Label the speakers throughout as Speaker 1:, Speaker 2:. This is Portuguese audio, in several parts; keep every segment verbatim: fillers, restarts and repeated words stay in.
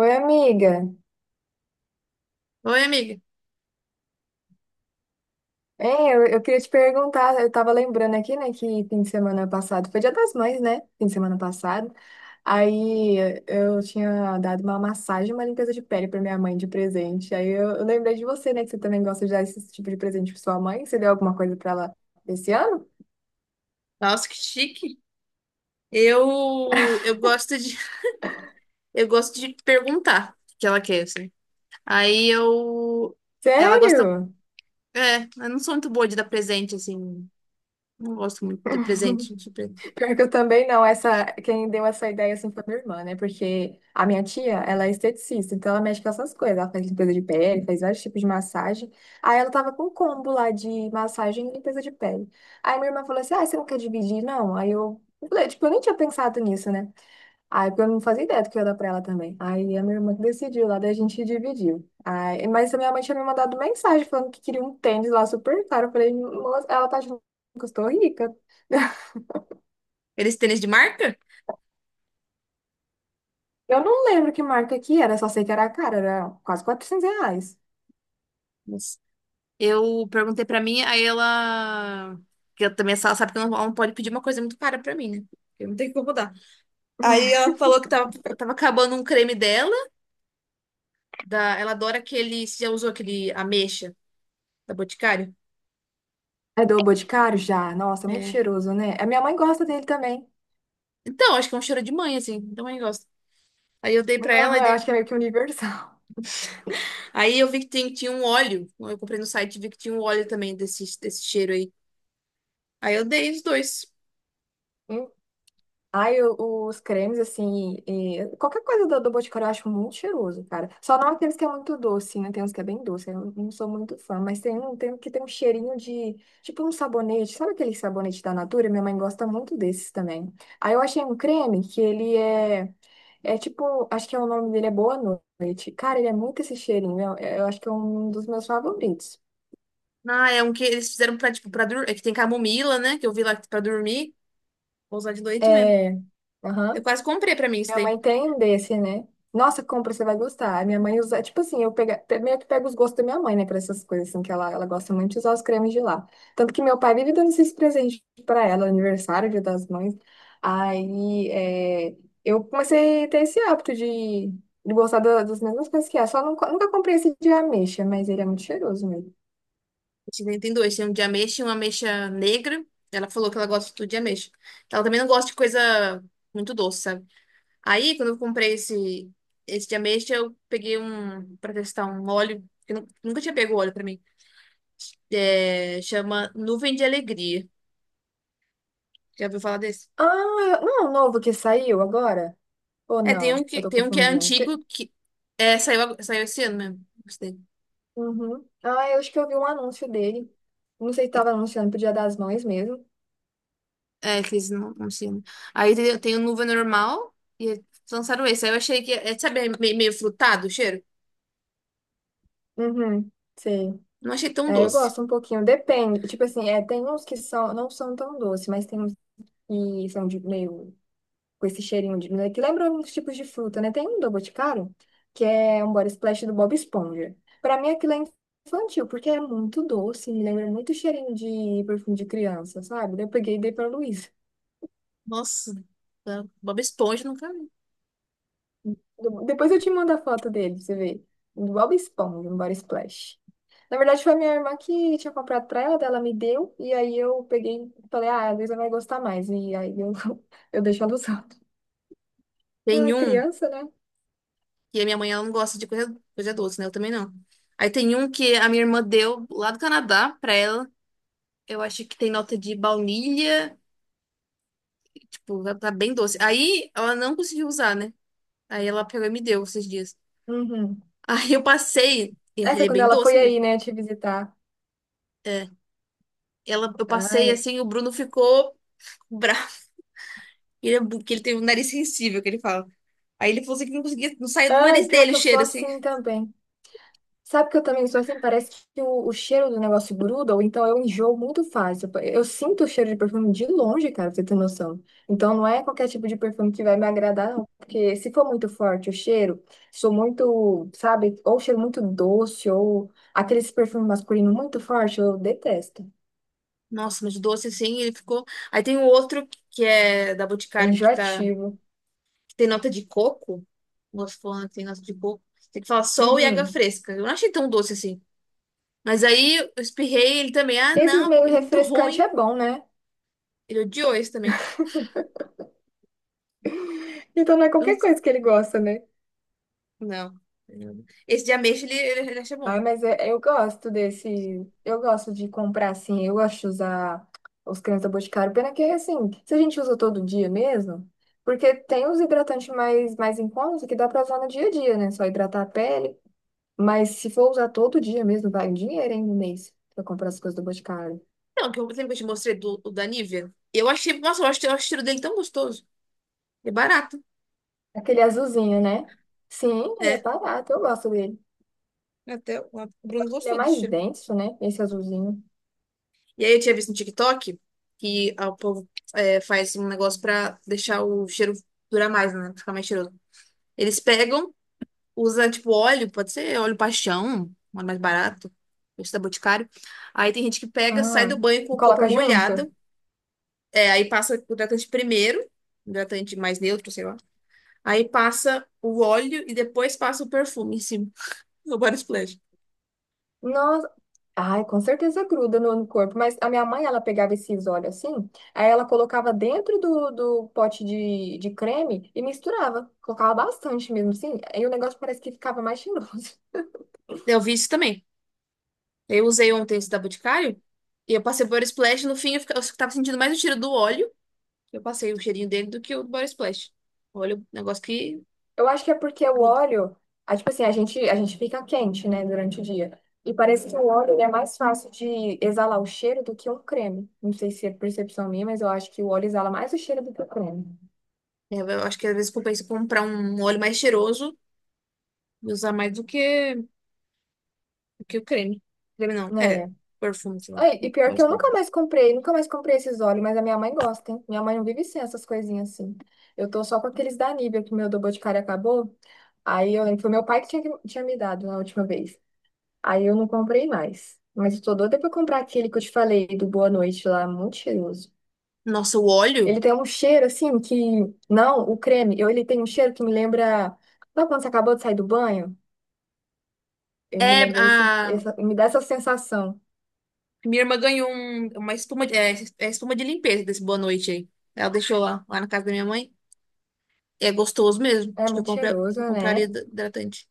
Speaker 1: Oi, amiga.
Speaker 2: Oi, amiga.
Speaker 1: Hein, eu, eu queria te perguntar, eu tava lembrando aqui, né, que fim de semana passado, foi Dia das Mães, né? Fim de semana passado. Aí eu tinha dado uma massagem, e uma limpeza de pele pra minha mãe de presente. Aí eu, eu lembrei de você, né, que você também gosta de dar esse tipo de presente pra sua mãe. Você deu alguma coisa pra ela esse ano?
Speaker 2: Nossa, que chique. Eu eu gosto de eu gosto de perguntar o que ela quer, assim. Aí eu ela gosta,
Speaker 1: Sério?
Speaker 2: é, eu não sou muito boa de dar presente assim. Não gosto muito de presente, de pre-
Speaker 1: Pior que eu também não, essa, quem deu essa ideia assim foi minha irmã, né? Porque a minha tia, ela é esteticista, então ela mexe com essas coisas. Ela faz limpeza de pele, faz vários tipos de massagem. Aí ela tava com um combo lá de massagem e limpeza de pele. Aí minha irmã falou assim: ah, você não quer dividir? Não. Aí eu eu falei, tipo, eu nem tinha pensado nisso, né? Aí porque eu não fazia ideia do que eu ia dar pra ela também. Aí a minha irmã que decidiu lá, daí a gente dividiu. Aí, mas a minha mãe tinha me mandado mensagem falando que queria um tênis lá super caro. Eu falei, "Nossa, ela tá achando que eu estou rica."
Speaker 2: Eles tênis de marca?
Speaker 1: Eu não lembro que marca que era, só sei que era cara, era quase quatrocentos reais.
Speaker 2: Mas eu perguntei pra mim, aí ela que eu também ela sabe que ela não, ela não pode pedir uma coisa muito cara pra mim, né? Eu não tenho como dar. Aí ela falou que tava, tava acabando um creme dela, da, ela adora aquele. Você já usou aquele ameixa da Boticário?
Speaker 1: É do Boticário já. Nossa, é muito
Speaker 2: É.
Speaker 1: cheiroso, né? A minha mãe gosta dele também.
Speaker 2: Então, acho que é um cheiro de mãe, assim. Também gosto. Aí eu dei pra
Speaker 1: Aham,
Speaker 2: ela, e
Speaker 1: eu acho
Speaker 2: dei...
Speaker 1: que é meio que universal.
Speaker 2: Aí eu vi que tem- tinha um óleo. Eu comprei no site e vi que tinha um óleo também desse, desse cheiro aí. Aí eu dei os dois.
Speaker 1: Ai, o- os cremes, assim, e- qualquer coisa do, do Boticário eu acho muito cheiroso, cara. Só não aqueles que é muito doce, né? Tem uns que é bem doce, eu não sou muito fã, mas tem um, tem um que tem um cheirinho de, tipo um sabonete, sabe aquele sabonete da Natura? Minha mãe gosta muito desses também. Aí eu achei um creme que ele é, é tipo, acho que é o nome dele é Boa Noite. Cara, ele é muito esse cheirinho, eu, eu acho que é um dos meus favoritos.
Speaker 2: Ah, é um que eles fizeram pra, tipo, pra dormir. É que tem camomila, né? Que eu vi lá pra dormir. Vou usar de noite mesmo.
Speaker 1: É,
Speaker 2: Eu
Speaker 1: aham.
Speaker 2: quase comprei pra mim isso
Speaker 1: Minha
Speaker 2: daí.
Speaker 1: mãe tem um desse, né? Nossa, compra, você vai gostar. Minha mãe usa, tipo assim, eu pega, pe- meio que pego os gostos da minha mãe, né, para essas coisas, assim, que ela, ela gosta muito de usar os cremes de lá. Tanto que meu pai vive dando esses presentes para ela, aniversário, Dia das Mães. Aí, é, eu comecei a ter esse hábito de, de gostar da- das mesmas coisas que ela. Só nunca, nunca comprei esse de ameixa, mas ele é muito cheiroso mesmo.
Speaker 2: Esse daí Tem dois. Tem um de ameixa e uma ameixa negra. Ela falou que ela gosta de tudo de ameixa. Ela também não gosta de coisa muito doce, sabe? Aí, quando eu comprei esse, esse de ameixa, eu peguei um para testar um óleo, que eu nu- nunca tinha pego óleo para mim. É, chama Nuvem de Alegria. Já ouviu falar desse?
Speaker 1: Ah, eu- não é o novo que saiu agora? Ou
Speaker 2: É, tem
Speaker 1: não?
Speaker 2: um
Speaker 1: Eu
Speaker 2: que,
Speaker 1: tô
Speaker 2: tem um que é
Speaker 1: confundindo.
Speaker 2: antigo, que é, saiu, ag- saiu esse ano mesmo. Gostei.
Speaker 1: Uhum. Ah, eu acho que eu vi um anúncio dele. Não sei se estava anunciando pro Dia das Mães mesmo.
Speaker 2: É, que eles não, não ensinam. Aí tem, tem o Nuvem Normal e eles lançaram esse. Aí eu achei que, é, sabe, é meio, meio frutado o cheiro?
Speaker 1: Uhum, sei.
Speaker 2: Não achei tão
Speaker 1: É, eu
Speaker 2: doce.
Speaker 1: gosto um pouquinho, depende. Tipo assim, é, tem uns que são, não são tão doces, mas tem uns que são de meio com esse cheirinho de, né, que lembra uns tipos de fruta, né? Tem um do Boticário, que é um body splash do Bob Esponja. Pra mim aquilo é infantil, porque é muito doce, me lembra muito cheirinho de perfume de criança, sabe? Daí eu peguei e dei pra Luiz.
Speaker 2: Nossa, tá- Bob Esponja nunca vi.
Speaker 1: do- Depois eu te mando a foto dele, pra você ver. Do Bob Esponja, no Body Splash. Na verdade, foi a minha irmã que tinha comprado pra ela, daí ela me deu, e aí eu peguei e falei, ah, a Luísa vai gostar mais. E aí eu, eu deixo ela usando. Ela
Speaker 2: Tem
Speaker 1: é
Speaker 2: um.
Speaker 1: criança, né?
Speaker 2: E a minha mãe, ela não gosta de coisa, coisa doce, né? Eu também não. Aí tem um que a minha irmã deu lá do Canadá pra ela. Eu acho que tem nota de baunilha. Tipo, tá tá bem doce. Aí ela não conseguiu usar, né? Aí ela pegou e me deu esses dias.
Speaker 1: Uhum.
Speaker 2: Aí eu passei. e
Speaker 1: Aí
Speaker 2: Ele
Speaker 1: foi
Speaker 2: é
Speaker 1: quando
Speaker 2: bem
Speaker 1: ela
Speaker 2: doce
Speaker 1: foi
Speaker 2: mesmo.
Speaker 1: aí, né, te visitar.
Speaker 2: Ela, eu passei
Speaker 1: Ai,
Speaker 2: assim, o Bruno ficou bravo. Ele, é bu- que ele tem um nariz sensível, que ele fala. Aí ele falou assim que não conseguia, não saía do
Speaker 1: ai,
Speaker 2: nariz
Speaker 1: pior
Speaker 2: dele o
Speaker 1: que eu sou
Speaker 2: cheiro, assim.
Speaker 1: assim também. Sabe que eu também sou assim? Parece que o, o cheiro do negócio gruda, ou então eu enjoo muito fácil. Eu sinto o cheiro de perfume de longe, cara, pra você ter noção. Então não é qualquer tipo de perfume que vai me agradar, não. Porque se for muito forte o cheiro, sou muito, sabe, ou cheiro muito doce, ou aqueles perfumes masculinos muito forte, eu detesto.
Speaker 2: Nossa, mas doce assim, ele ficou. Aí tem o outro que é da
Speaker 1: É
Speaker 2: Boticário que tá,
Speaker 1: enjoativo.
Speaker 2: que tem nota de coco. Moço falando tem nota de coco. Tem que falar sol e água
Speaker 1: Uhum.
Speaker 2: fresca. Eu não achei tão doce assim. Mas aí eu espirrei ele também. Ah,
Speaker 1: Esses
Speaker 2: não,
Speaker 1: meio
Speaker 2: porque é muito
Speaker 1: refrescante
Speaker 2: ruim.
Speaker 1: é bom, né?
Speaker 2: Ele odiou esse também.
Speaker 1: Então não é qualquer
Speaker 2: Não.
Speaker 1: coisa que ele gosta, né?
Speaker 2: Não. Esse de ameixa ele, ele, ele acha bom.
Speaker 1: Ai, mas é- eu gosto desse. Eu gosto de comprar assim. Eu gosto de usar os cremes da Boticário. Pena que, assim, se a gente usa todo dia mesmo. Porque tem os hidratantes mais, mais em conta que dá pra usar no dia a dia, né? Só hidratar a pele. Mas se for usar todo dia mesmo, vai um dinheiro hein, no mês pra comprar as coisas do Boticário.
Speaker 2: Não, que eu lembro que eu te mostrei do, o da Nivea. Eu achei, nossa, eu acho, eu acho o cheiro dele tão gostoso. É barato.
Speaker 1: Aquele azulzinho, né? Sim, ele é
Speaker 2: É,
Speaker 1: barato. Eu gosto dele.
Speaker 2: até o o
Speaker 1: Eu
Speaker 2: Bruno
Speaker 1: acho que ele é
Speaker 2: gostou do
Speaker 1: mais
Speaker 2: cheiro.
Speaker 1: denso, né? Esse azulzinho.
Speaker 2: E aí eu tinha visto no TikTok que ah, o povo é, faz um negócio pra deixar o cheiro durar mais, né? Ficar mais cheiroso. Eles pegam. Usa, tipo, óleo, pode ser óleo paixão, um óleo mais barato, esse da Boticário. Aí tem gente que pega, sai
Speaker 1: Ah,
Speaker 2: do banho com o corpo
Speaker 1: coloca junto.
Speaker 2: molhado, é, aí passa o hidratante primeiro, hidratante mais neutro, sei lá. Aí passa o óleo e depois passa o perfume em cima, o body splash.
Speaker 1: Nossa, ai, com certeza gruda no, no corpo, mas a minha mãe, ela pegava esses óleos assim, aí ela colocava dentro do, do pote de, de creme e misturava, colocava bastante mesmo, assim, aí o negócio parece que ficava mais cheiroso.
Speaker 2: Eu vi isso também. Eu usei ontem esse da Boticário e eu passei o body splash. No fim eu, fica- eu tava sentindo mais o cheiro do óleo, eu passei o cheirinho dele do que o do body splash. Óleo, é um negócio que
Speaker 1: Eu acho que é porque o
Speaker 2: gruda.
Speaker 1: óleo, ah, tipo assim, a gente, a gente fica quente, né, durante o dia, e parece que o óleo, ele é mais fácil de exalar o cheiro do que um creme. Não sei se é percepção minha, mas eu acho que o óleo exala mais o cheiro do que o creme.
Speaker 2: É, Eu acho que às vezes compensa comprar um óleo mais cheiroso E usar mais do que, do que o creme. Creme não, é,
Speaker 1: Né?
Speaker 2: perfume, sei lá.
Speaker 1: Ai, e pior que
Speaker 2: Pode
Speaker 1: eu
Speaker 2: ter.
Speaker 1: nunca mais comprei, nunca mais comprei esses óleos, mas a minha mãe gosta, hein? Minha mãe não vive sem essas coisinhas assim. Eu tô só com aqueles da Nivea, que meu do Boticário acabou. Aí eu lembro, foi meu pai que tinha, que- tinha me dado na última vez. Aí eu não comprei mais. Mas eu tô doida pra comprar aquele que eu te falei, do Boa Noite lá, muito cheiroso.
Speaker 2: Nossa, o óleo?
Speaker 1: Ele tem um cheiro assim que. Não, o creme, eu, ele tem um cheiro que me lembra. Sabe quando você acabou de sair do banho? Ele me
Speaker 2: É,
Speaker 1: lembra esse,
Speaker 2: a
Speaker 1: essa, me dá essa sensação.
Speaker 2: minha irmã ganhou um- uma espuma, de- é, é espuma de limpeza desse Boa Noite aí. Ela deixou lá, lá na casa da minha mãe. É gostoso mesmo.
Speaker 1: É
Speaker 2: Acho que eu,
Speaker 1: muito
Speaker 2: compra-
Speaker 1: cheiroso,
Speaker 2: eu compraria
Speaker 1: né?
Speaker 2: hid- hidratante.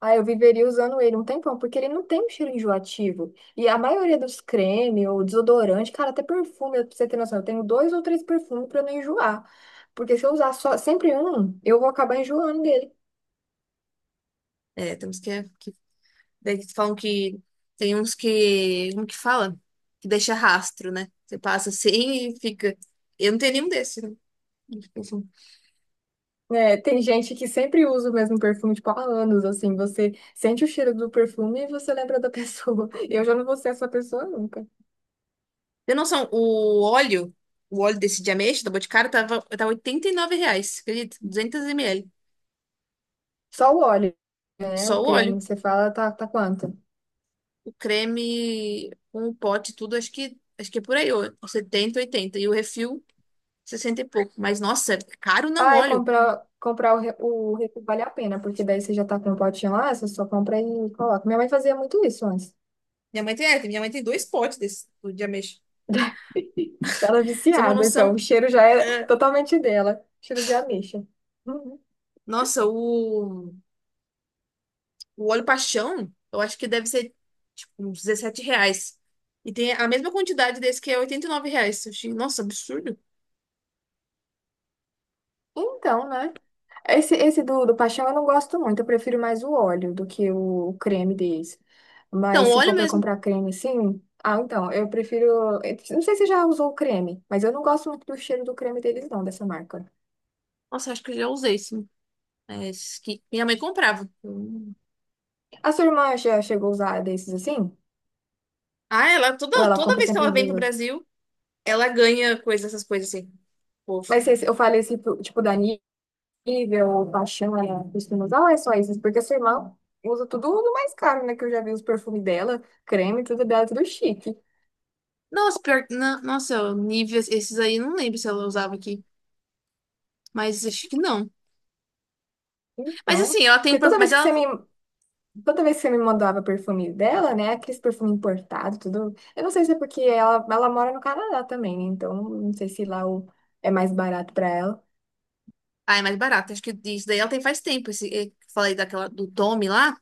Speaker 1: Ah, eu viveria usando ele um tempão, porque ele não tem um cheiro enjoativo. E a maioria dos creme ou desodorante, cara, até perfume, pra você ter noção, eu tenho dois ou três perfumes pra não enjoar. Porque se eu usar só sempre um, eu vou acabar enjoando dele.
Speaker 2: É, temos que, é, que. Daí eles falam que. Tem uns que. Como que fala? Que deixa rastro, né? Você passa assim e fica. Eu não tenho nenhum desses. né?
Speaker 1: Né, tem gente que sempre usa o mesmo perfume, tipo, há anos, assim, você sente o cheiro do perfume e você lembra da pessoa. Eu já não vou ser essa pessoa nunca.
Speaker 2: Tem noção, o óleo, o óleo desse de ameixa da Boticário tava, tava oitenta e nove reais, acredita? Duzentos ml.
Speaker 1: Só o óleo, né?
Speaker 2: Só
Speaker 1: O
Speaker 2: o
Speaker 1: creme
Speaker 2: óleo.
Speaker 1: que você fala tá, tá quanto?
Speaker 2: O creme com o pote e tudo, acho que, acho que é por aí, ó, setenta oitenta E o refil, sessenta e pouco. Mas, nossa, é caro não
Speaker 1: Ah, é
Speaker 2: óleo.
Speaker 1: comprar, comprar o, re- o refil vale a pena, porque daí você já tá com o potinho lá, você só compra e coloca. Minha mãe fazia muito isso antes.
Speaker 2: Minha mãe tem, é, minha mãe tem dois potes desse do de ameixa.
Speaker 1: Ela
Speaker 2: Pra
Speaker 1: é
Speaker 2: Você tem uma
Speaker 1: viciada, então o
Speaker 2: noção?
Speaker 1: cheiro já é
Speaker 2: é,
Speaker 1: totalmente dela. Cheiro de ameixa. Uhum.
Speaker 2: Nossa, o, o óleo paixão, eu acho que deve ser, tipo, uns dezessete reais. E tem a mesma quantidade desse que é oitenta e nove reais. Eu achei, nossa, absurdo.
Speaker 1: Então, né? Esse, esse do, do paixão eu não gosto muito. Eu prefiro mais o óleo do que o creme deles.
Speaker 2: Então,
Speaker 1: Mas se
Speaker 2: óleo
Speaker 1: for para
Speaker 2: mesmo.
Speaker 1: comprar creme sim. Ah, então, eu prefiro. Eu Não sei se você já usou o creme, mas eu não gosto muito do cheiro do creme deles, não, dessa marca.
Speaker 2: Nossa, acho que eu já usei sim. É, esse que minha mãe comprava. Hum.
Speaker 1: A sua irmã já chegou a usar desses assim?
Speaker 2: Ah, ela
Speaker 1: Ou
Speaker 2: toda,
Speaker 1: ela
Speaker 2: toda
Speaker 1: compra
Speaker 2: vez que ela
Speaker 1: sempre
Speaker 2: vem pro
Speaker 1: dos.
Speaker 2: Brasil, ela ganha coisas, essas coisas assim. Fofo.
Speaker 1: Mas se se eu falei esse tipo tipo da Nivea ou Paixão, ela costuma usar, ou é só esses? Porque sua irmã usa tudo do mais caro, né? Que eu já vi os perfumes dela, creme, tudo dela, tudo chique.
Speaker 2: Nossa, pior, na- nossa, níveis, esses aí não lembro se ela usava aqui, mas acho que não. Mas
Speaker 1: Então,
Speaker 2: assim, ela tem, um
Speaker 1: porque
Speaker 2: perfu-
Speaker 1: toda
Speaker 2: mas
Speaker 1: vez que
Speaker 2: ela,
Speaker 1: você me,
Speaker 2: não-
Speaker 1: toda vez que você me mandava perfume dela, né? Aqueles perfume importado tudo. Eu não sei se é porque ela, ela mora no Canadá também, né? Então, não sei se lá o, é mais barato pra ela.
Speaker 2: ah, é mais barato. Acho que isso daí ela tem faz tempo. Esse, eu falei daquela do Tommy lá,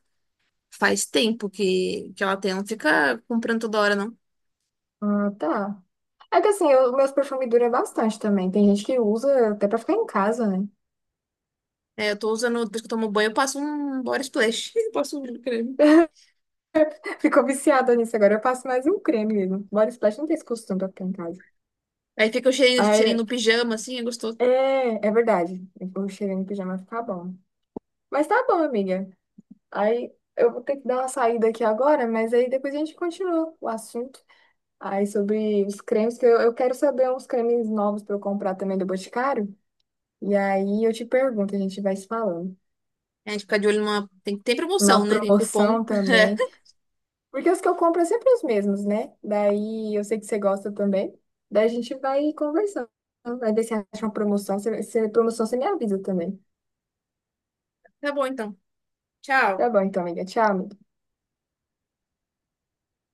Speaker 2: faz tempo que que ela tem. Ela não fica comprando toda hora não.
Speaker 1: Ah, tá. É que assim, eu, meus perfumes duram bastante também. Tem gente que usa até pra ficar em casa, né?
Speaker 2: É, eu tô usando, depois que eu tomo banho, eu passo um body splash. Eu passo um creme.
Speaker 1: Ficou viciada nisso agora. Eu passo mais um creme mesmo. Body Splash não tem esse costume pra ficar em casa.
Speaker 2: Aí fica o cheirinho, cheirinho
Speaker 1: Aí,
Speaker 2: no pijama, assim, é gostoso.
Speaker 1: é, é verdade. Eu vou chegar no pijama ficar bom. Mas tá bom, amiga. Aí eu vou ter que dar uma saída aqui agora, mas aí depois a gente continua o assunto. Aí sobre os cremes, que eu, eu quero saber uns cremes novos pra eu comprar também do Boticário. E aí eu te pergunto, a gente vai se falando.
Speaker 2: É, A gente fica de olho numa. Tem, tem
Speaker 1: Na
Speaker 2: promoção, né? Tem cupom.
Speaker 1: promoção também. Porque os que eu compro é sempre os mesmos, né? Daí eu sei que você gosta também. Daí a gente vai conversando. Vai ver se acha uma promoção. Se, se é promoção, você me avisa também.
Speaker 2: Tá bom, então.
Speaker 1: Tá
Speaker 2: Tchau.
Speaker 1: bom, então, amiga. Tchau, amiga.